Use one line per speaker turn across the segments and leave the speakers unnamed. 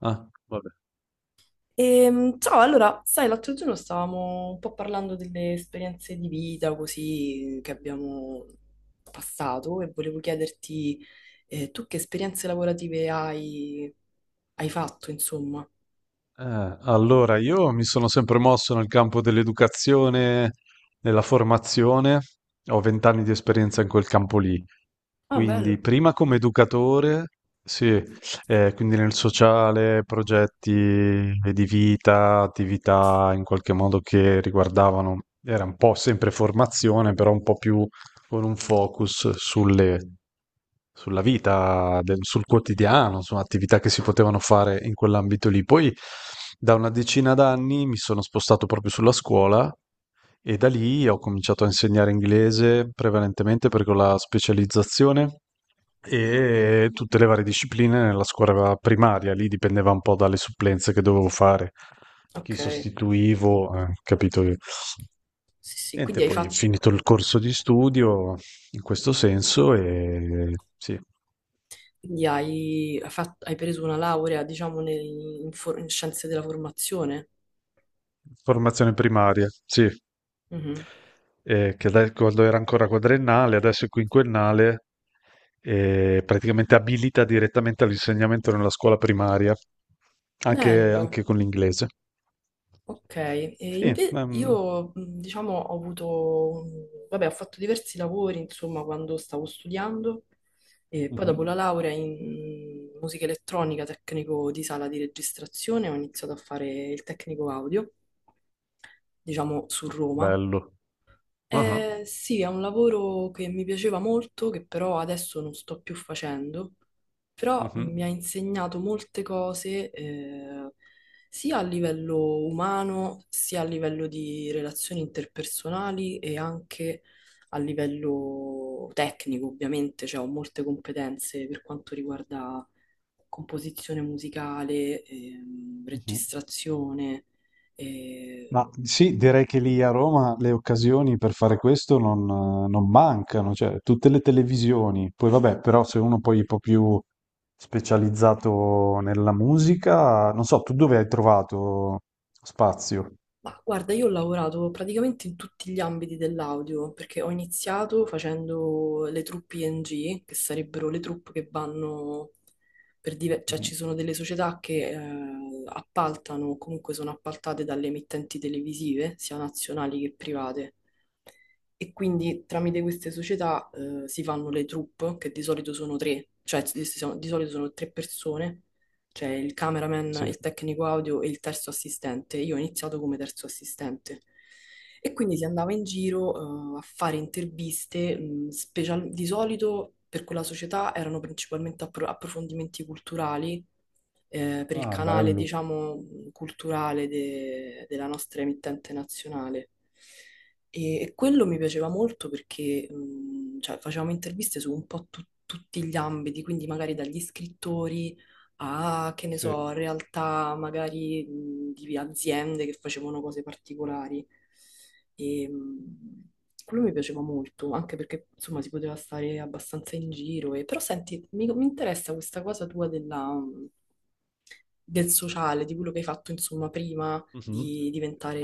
Ah, vabbè.
Ciao, allora, sai, l'altro giorno stavamo un po' parlando delle esperienze di vita così, che abbiamo passato e volevo chiederti tu che esperienze lavorative hai, hai fatto, insomma.
Allora, io mi sono sempre mosso nel campo dell'educazione, della formazione, ho vent'anni di esperienza in quel campo lì.
Ah,
Quindi,
bello.
prima come educatore, sì, quindi nel sociale, progetti di vita, attività in qualche modo che riguardavano, era un po' sempre formazione, però un po' più con un focus sulle sulla vita, sul quotidiano, su attività che si potevano fare in quell'ambito lì. Poi da una decina d'anni mi sono spostato proprio sulla scuola e da lì ho cominciato a insegnare inglese prevalentemente perché ho la specializzazione e tutte le varie discipline nella scuola primaria, lì dipendeva un po' dalle supplenze che dovevo fare, chi
Ok,
sostituivo, capito io.
sì, sì, quindi
Niente,
hai
poi ho
fatto,
finito il corso di studio in questo senso e sì.
quindi hai, hai preso una laurea, diciamo, in scienze della formazione.
Formazione primaria, sì,
Mhm.
quando era ancora quadrennale, adesso è quinquennale, praticamente abilita direttamente all'insegnamento nella scuola primaria,
Bello.
anche con l'inglese.
Ok, e
Sì,
io diciamo ho avuto, vabbè, ho fatto diversi lavori, insomma, quando stavo studiando e poi dopo la
mhm.
laurea in musica elettronica, tecnico di sala di registrazione, ho iniziato a fare il tecnico audio, diciamo su Roma,
Bello. Ah, ah,
sì, è un lavoro che mi piaceva molto, che però adesso non sto più facendo, però mi ha
mhm,
insegnato molte cose, sia a livello umano, sia a livello di relazioni interpersonali e anche a livello tecnico, ovviamente, cioè ho molte competenze per quanto riguarda composizione musicale,
mhm.
registrazione.
Ma
E.
sì, direi che lì a Roma le occasioni per fare questo non, non mancano, cioè tutte le televisioni. Poi vabbè, però se uno poi è un po' più specializzato nella musica, non so, tu dove hai trovato spazio?
Ma guarda, io ho lavorato praticamente in tutti gli ambiti dell'audio, perché ho iniziato facendo le truppe ING, che sarebbero le truppe che vanno cioè
Mhm.
ci sono delle società che appaltano, o comunque sono appaltate dalle emittenti televisive, sia nazionali che private. E quindi tramite queste società si fanno le troupe, che di solito sono tre, cioè di solito sono tre persone cioè il cameraman,
Sì.
il tecnico audio e il terzo assistente. Io ho iniziato come terzo assistente. E quindi si andava in giro, a fare interviste, di solito per quella società erano principalmente approfondimenti culturali per il
Ah,
canale,
bello,
diciamo, culturale della nostra emittente nazionale. E quello mi piaceva molto perché cioè, facevamo interviste su un po' tutti gli ambiti, quindi magari dagli scrittori a, che ne so,
sì.
realtà magari di aziende che facevano cose particolari. E, quello mi piaceva molto, anche perché insomma si poteva stare abbastanza in giro. E, però senti, mi interessa questa cosa tua della, del sociale, di quello che hai fatto, insomma, prima
Mhm.
di diventare,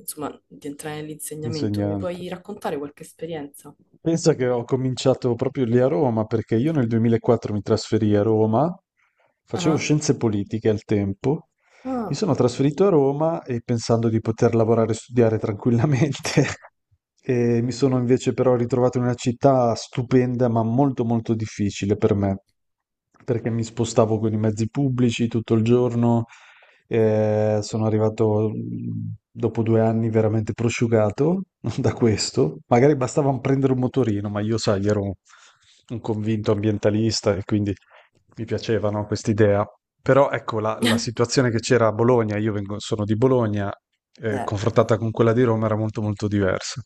insomma, di entrare nell'insegnamento. Mi
Insegnante.
puoi raccontare qualche esperienza?
Pensa che ho cominciato proprio lì a Roma, perché io nel 2004 mi trasferii a Roma, facevo
Ah,
scienze politiche al tempo, mi
ah,
sono trasferito a Roma e pensando di poter lavorare e studiare tranquillamente, e mi sono invece però ritrovato in una città stupenda, ma molto molto difficile per me perché mi spostavo con i mezzi pubblici tutto il giorno, sono arrivato dopo due anni veramente prosciugato da questo. Magari bastava prendere un motorino, ma io, sai, ero un convinto ambientalista e quindi mi piacevano quest'idea. Però ecco la situazione che c'era a Bologna, sono di Bologna,
Eh,
confrontata con quella di Roma era molto molto diversa.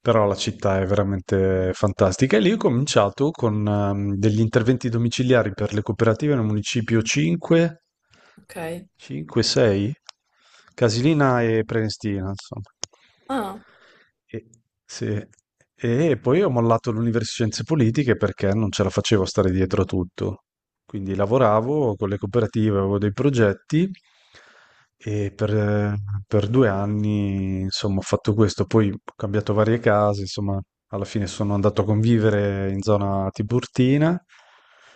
Però la città è veramente fantastica. E lì ho cominciato con degli interventi domiciliari per le cooperative nel municipio 5,
ok.
5, 6, Casilina e Prenestina, insomma.
Ah,
E, sì. E poi ho mollato l'università di scienze politiche perché non ce la facevo a stare dietro a tutto. Quindi lavoravo con le cooperative, avevo dei progetti e per, per due anni, insomma, ho fatto questo. Poi ho cambiato varie case, insomma, alla fine sono andato a convivere in zona Tiburtina,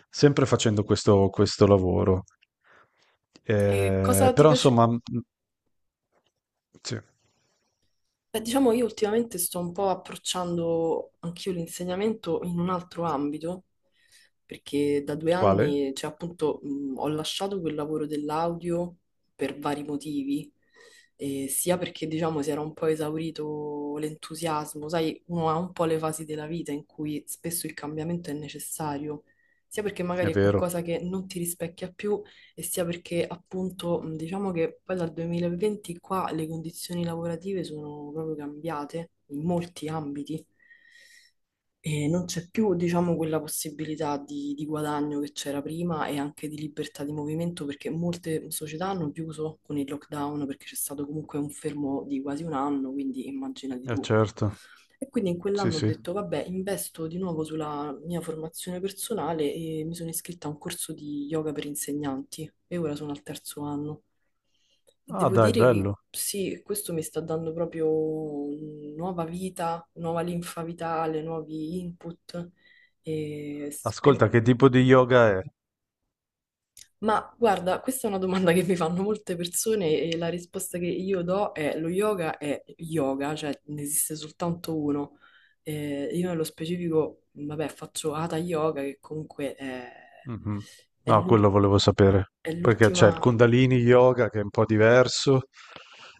sempre facendo questo lavoro.
e cosa ti
Però,
piace?
insomma, sì.
Beh, diciamo, io ultimamente sto un po' approcciando anch'io l'insegnamento in un altro ambito, perché da due
Quale?
anni, cioè appunto, ho lasciato quel lavoro dell'audio per vari motivi, sia perché, diciamo, si era un po' esaurito l'entusiasmo, sai, uno ha un po' le fasi della vita in cui spesso il cambiamento è necessario, sia perché
È
magari è
vero,
qualcosa che non ti rispecchia più e sia perché appunto diciamo che poi dal 2020 qua le condizioni lavorative sono proprio cambiate in molti ambiti. E non c'è più, diciamo, quella possibilità di guadagno che c'era prima e anche di libertà di movimento perché molte società hanno chiuso con il lockdown perché c'è stato comunque un fermo di quasi un anno, quindi immaginati
è
tu.
certo,
E quindi in
sì,
quell'anno ho
sì.
detto, vabbè, investo di nuovo sulla mia formazione personale e mi sono iscritta a un corso di yoga per insegnanti e ora sono al 3º anno.
Ah,
Devo
dai,
dire che
bello.
sì, questo mi sta dando proprio nuova vita, nuova linfa vitale, nuovi input. E s- prim-
Ascolta, che tipo di yoga è?
Ma guarda, questa è una domanda che mi fanno molte persone e la risposta che io do è lo yoga è yoga, cioè ne esiste soltanto uno. Io nello specifico, vabbè, faccio Hatha Yoga che comunque è,
Mhm.
è
No,
l'ul-
quello volevo sapere.
è
Perché c'è il
l'ultima...
Kundalini Yoga che è un po' diverso,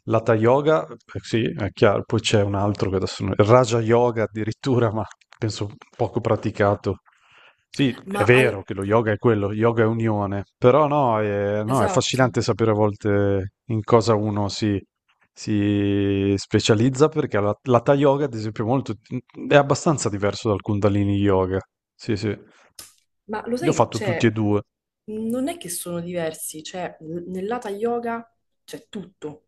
l'Hatha Yoga, sì, è chiaro, poi c'è un altro che adesso non- il Raja Yoga addirittura, ma penso poco praticato. Sì, è
Ma al-
vero che lo yoga è quello, yoga è unione, però no, è, no, è
esatto,
affascinante sapere a volte in cosa uno si specializza perché l'Hatha Yoga, ad esempio, è, molto, è abbastanza diverso dal Kundalini Yoga. Sì, sì.
ma lo
Io ho
sai che
fatto tutti e
c'è?
due.
Non è che sono diversi, cioè nel Hatha Yoga c'è tutto,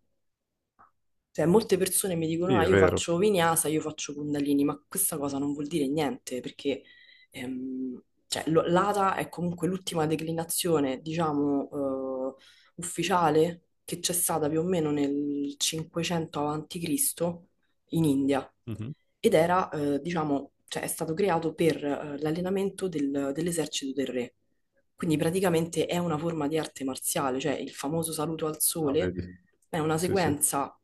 cioè, molte persone mi dicono,
Sì,
ah,
è
io
vero.
faccio vinyasa, io faccio kundalini, ma questa cosa non vuol dire niente, perché cioè, l'ata è comunque l'ultima declinazione, diciamo, ufficiale che c'è stata più o meno nel 500 avanti Cristo in India.
Mh-mh.
Ed era, diciamo, cioè, è stato creato per l'allenamento dell'esercito del re. Quindi praticamente è una forma di arte marziale, cioè il famoso saluto al
Ah,
sole
vedi.
è una
Sì, sì.
sequenza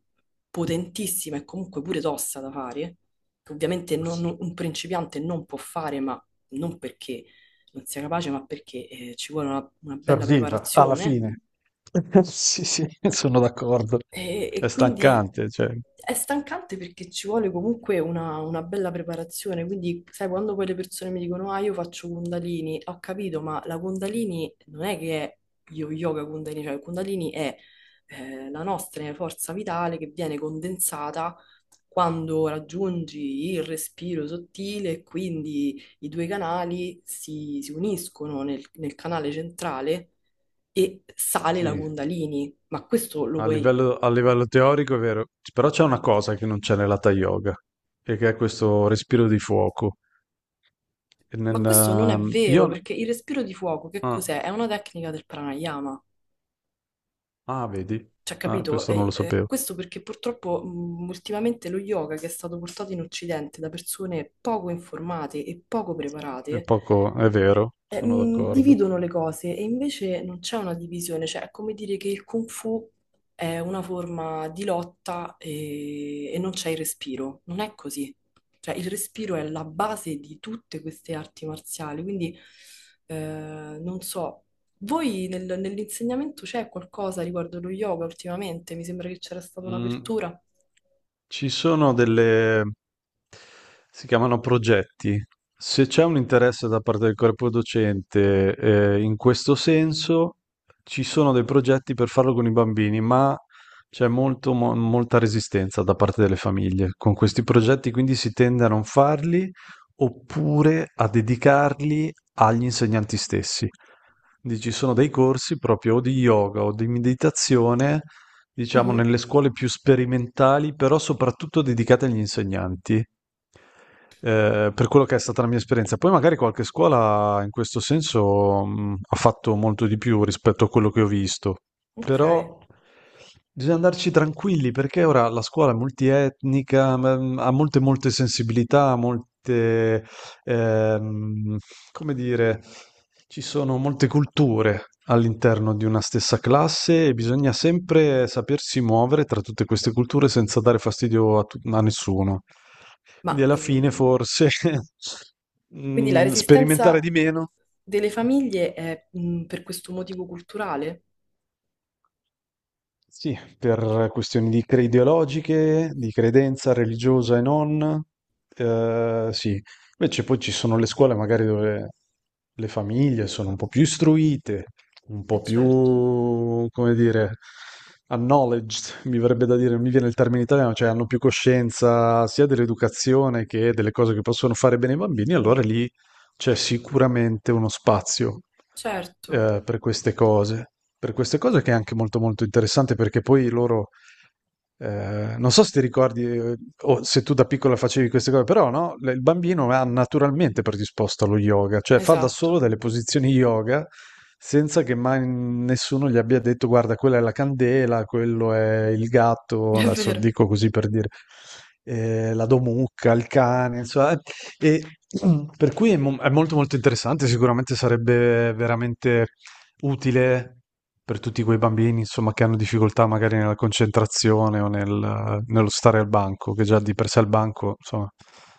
potentissima e comunque pure tosta da fare, che ovviamente un principiante non può fare, ma non perché non sia capace, ma perché ci vuole una bella
Serviva, alla
preparazione
fine. Sì, sì, sono d'accordo. È
e quindi
stancante, cioè
è stancante perché ci vuole comunque una bella preparazione. Quindi, sai, quando poi le persone mi dicono, ah, io faccio Kundalini, ho capito, ma la Kundalini non è che è yoga Kundalini, cioè il Kundalini è la nostra forza vitale che viene condensata quando raggiungi il respiro sottile, e quindi i due canali si, si uniscono nel nel canale centrale e sale la
sì,
Kundalini. Ma questo lo puoi...
a livello teorico è vero, c però c'è una cosa che non c'è nell'hatha yoga, e che è questo respiro di fuoco. E nel
Ma questo non è
io
vero, perché il respiro di fuoco che
ah,
cos'è? È una tecnica del pranayama.
ah, vedi?
Cioè,
Ah,
capito?
questo non lo
È
sapevo.
questo perché purtroppo ultimamente lo yoga che è stato portato in Occidente da persone poco informate e poco
È
preparate
poco è vero, sono d'accordo.
dividono le cose e invece non c'è una divisione, cioè è come dire che il Kung Fu è una forma di lotta e non c'è il respiro, non è così. Cioè il respiro è la base di tutte queste arti marziali, quindi non so, voi nell'insegnamento c'è qualcosa riguardo lo yoga ultimamente? Mi sembra che c'era stata
Mh.
un'apertura.
Ci sono delle, si chiamano progetti. Se c'è un interesse da parte del corpo docente, in questo senso, ci sono dei progetti per farlo con i bambini, ma c'è molta resistenza da parte delle famiglie. Con questi progetti quindi si tende a non farli oppure a dedicarli agli insegnanti stessi. Quindi ci sono dei corsi proprio o di yoga o di meditazione, diciamo,
Mhm,
nelle scuole più sperimentali, però soprattutto dedicate agli insegnanti. Eh, per quello che è stata la mia esperienza. Poi magari qualche scuola in questo senso ha fatto molto di più rispetto a quello che ho visto,
ok,
però bisogna andarci tranquilli perché ora la scuola è multietnica, ha molte molte sensibilità, molte ehm, come dire, ci sono molte culture all'interno di una stessa classe e bisogna sempre sapersi muovere tra tutte queste culture senza dare fastidio a nessuno.
ma
Quindi alla fine forse
quindi la
mm, sperimentare
resistenza
di meno.
delle famiglie è per questo motivo culturale?
Sì, per questioni di ideologiche, di credenza religiosa e non, sì. Invece poi ci sono le scuole magari dove le famiglie sono un po' più istruite, un
Eh
po' più,
certo,
come dire, acknowledged, mi verrebbe da dire, non mi viene il termine italiano, cioè hanno più coscienza sia dell'educazione che delle cose che possono fare bene i bambini, allora lì c'è sicuramente uno spazio
certo,
eh, per queste cose, per queste cose che è anche molto molto interessante perché poi loro, non so se ti ricordi o se tu da piccola facevi queste cose, però no, il bambino è naturalmente predisposto allo yoga, cioè fa da solo
esatto,
delle posizioni yoga senza che mai nessuno gli abbia detto guarda, quella è la candela, quello è il gatto,
è
adesso
vero,
dico così per dire, la domucca, il cane, insomma, e, mm, per cui è, è molto molto interessante, sicuramente sarebbe veramente utile per tutti quei bambini, insomma, che hanno difficoltà magari nella concentrazione o nello stare al banco, che già di per sé il banco, insomma,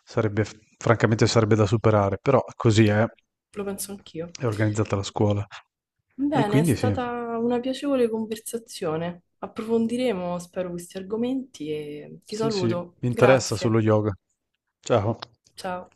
sarebbe, francamente sarebbe da superare, però così
lo penso anch'io.
è organizzata la scuola. E
Bene, è
quindi sì,
stata una piacevole conversazione. Approfondiremo, spero, questi argomenti e ti
sì, sì,
saluto.
mi interessa
Grazie,
sullo yoga. Ciao.
ciao.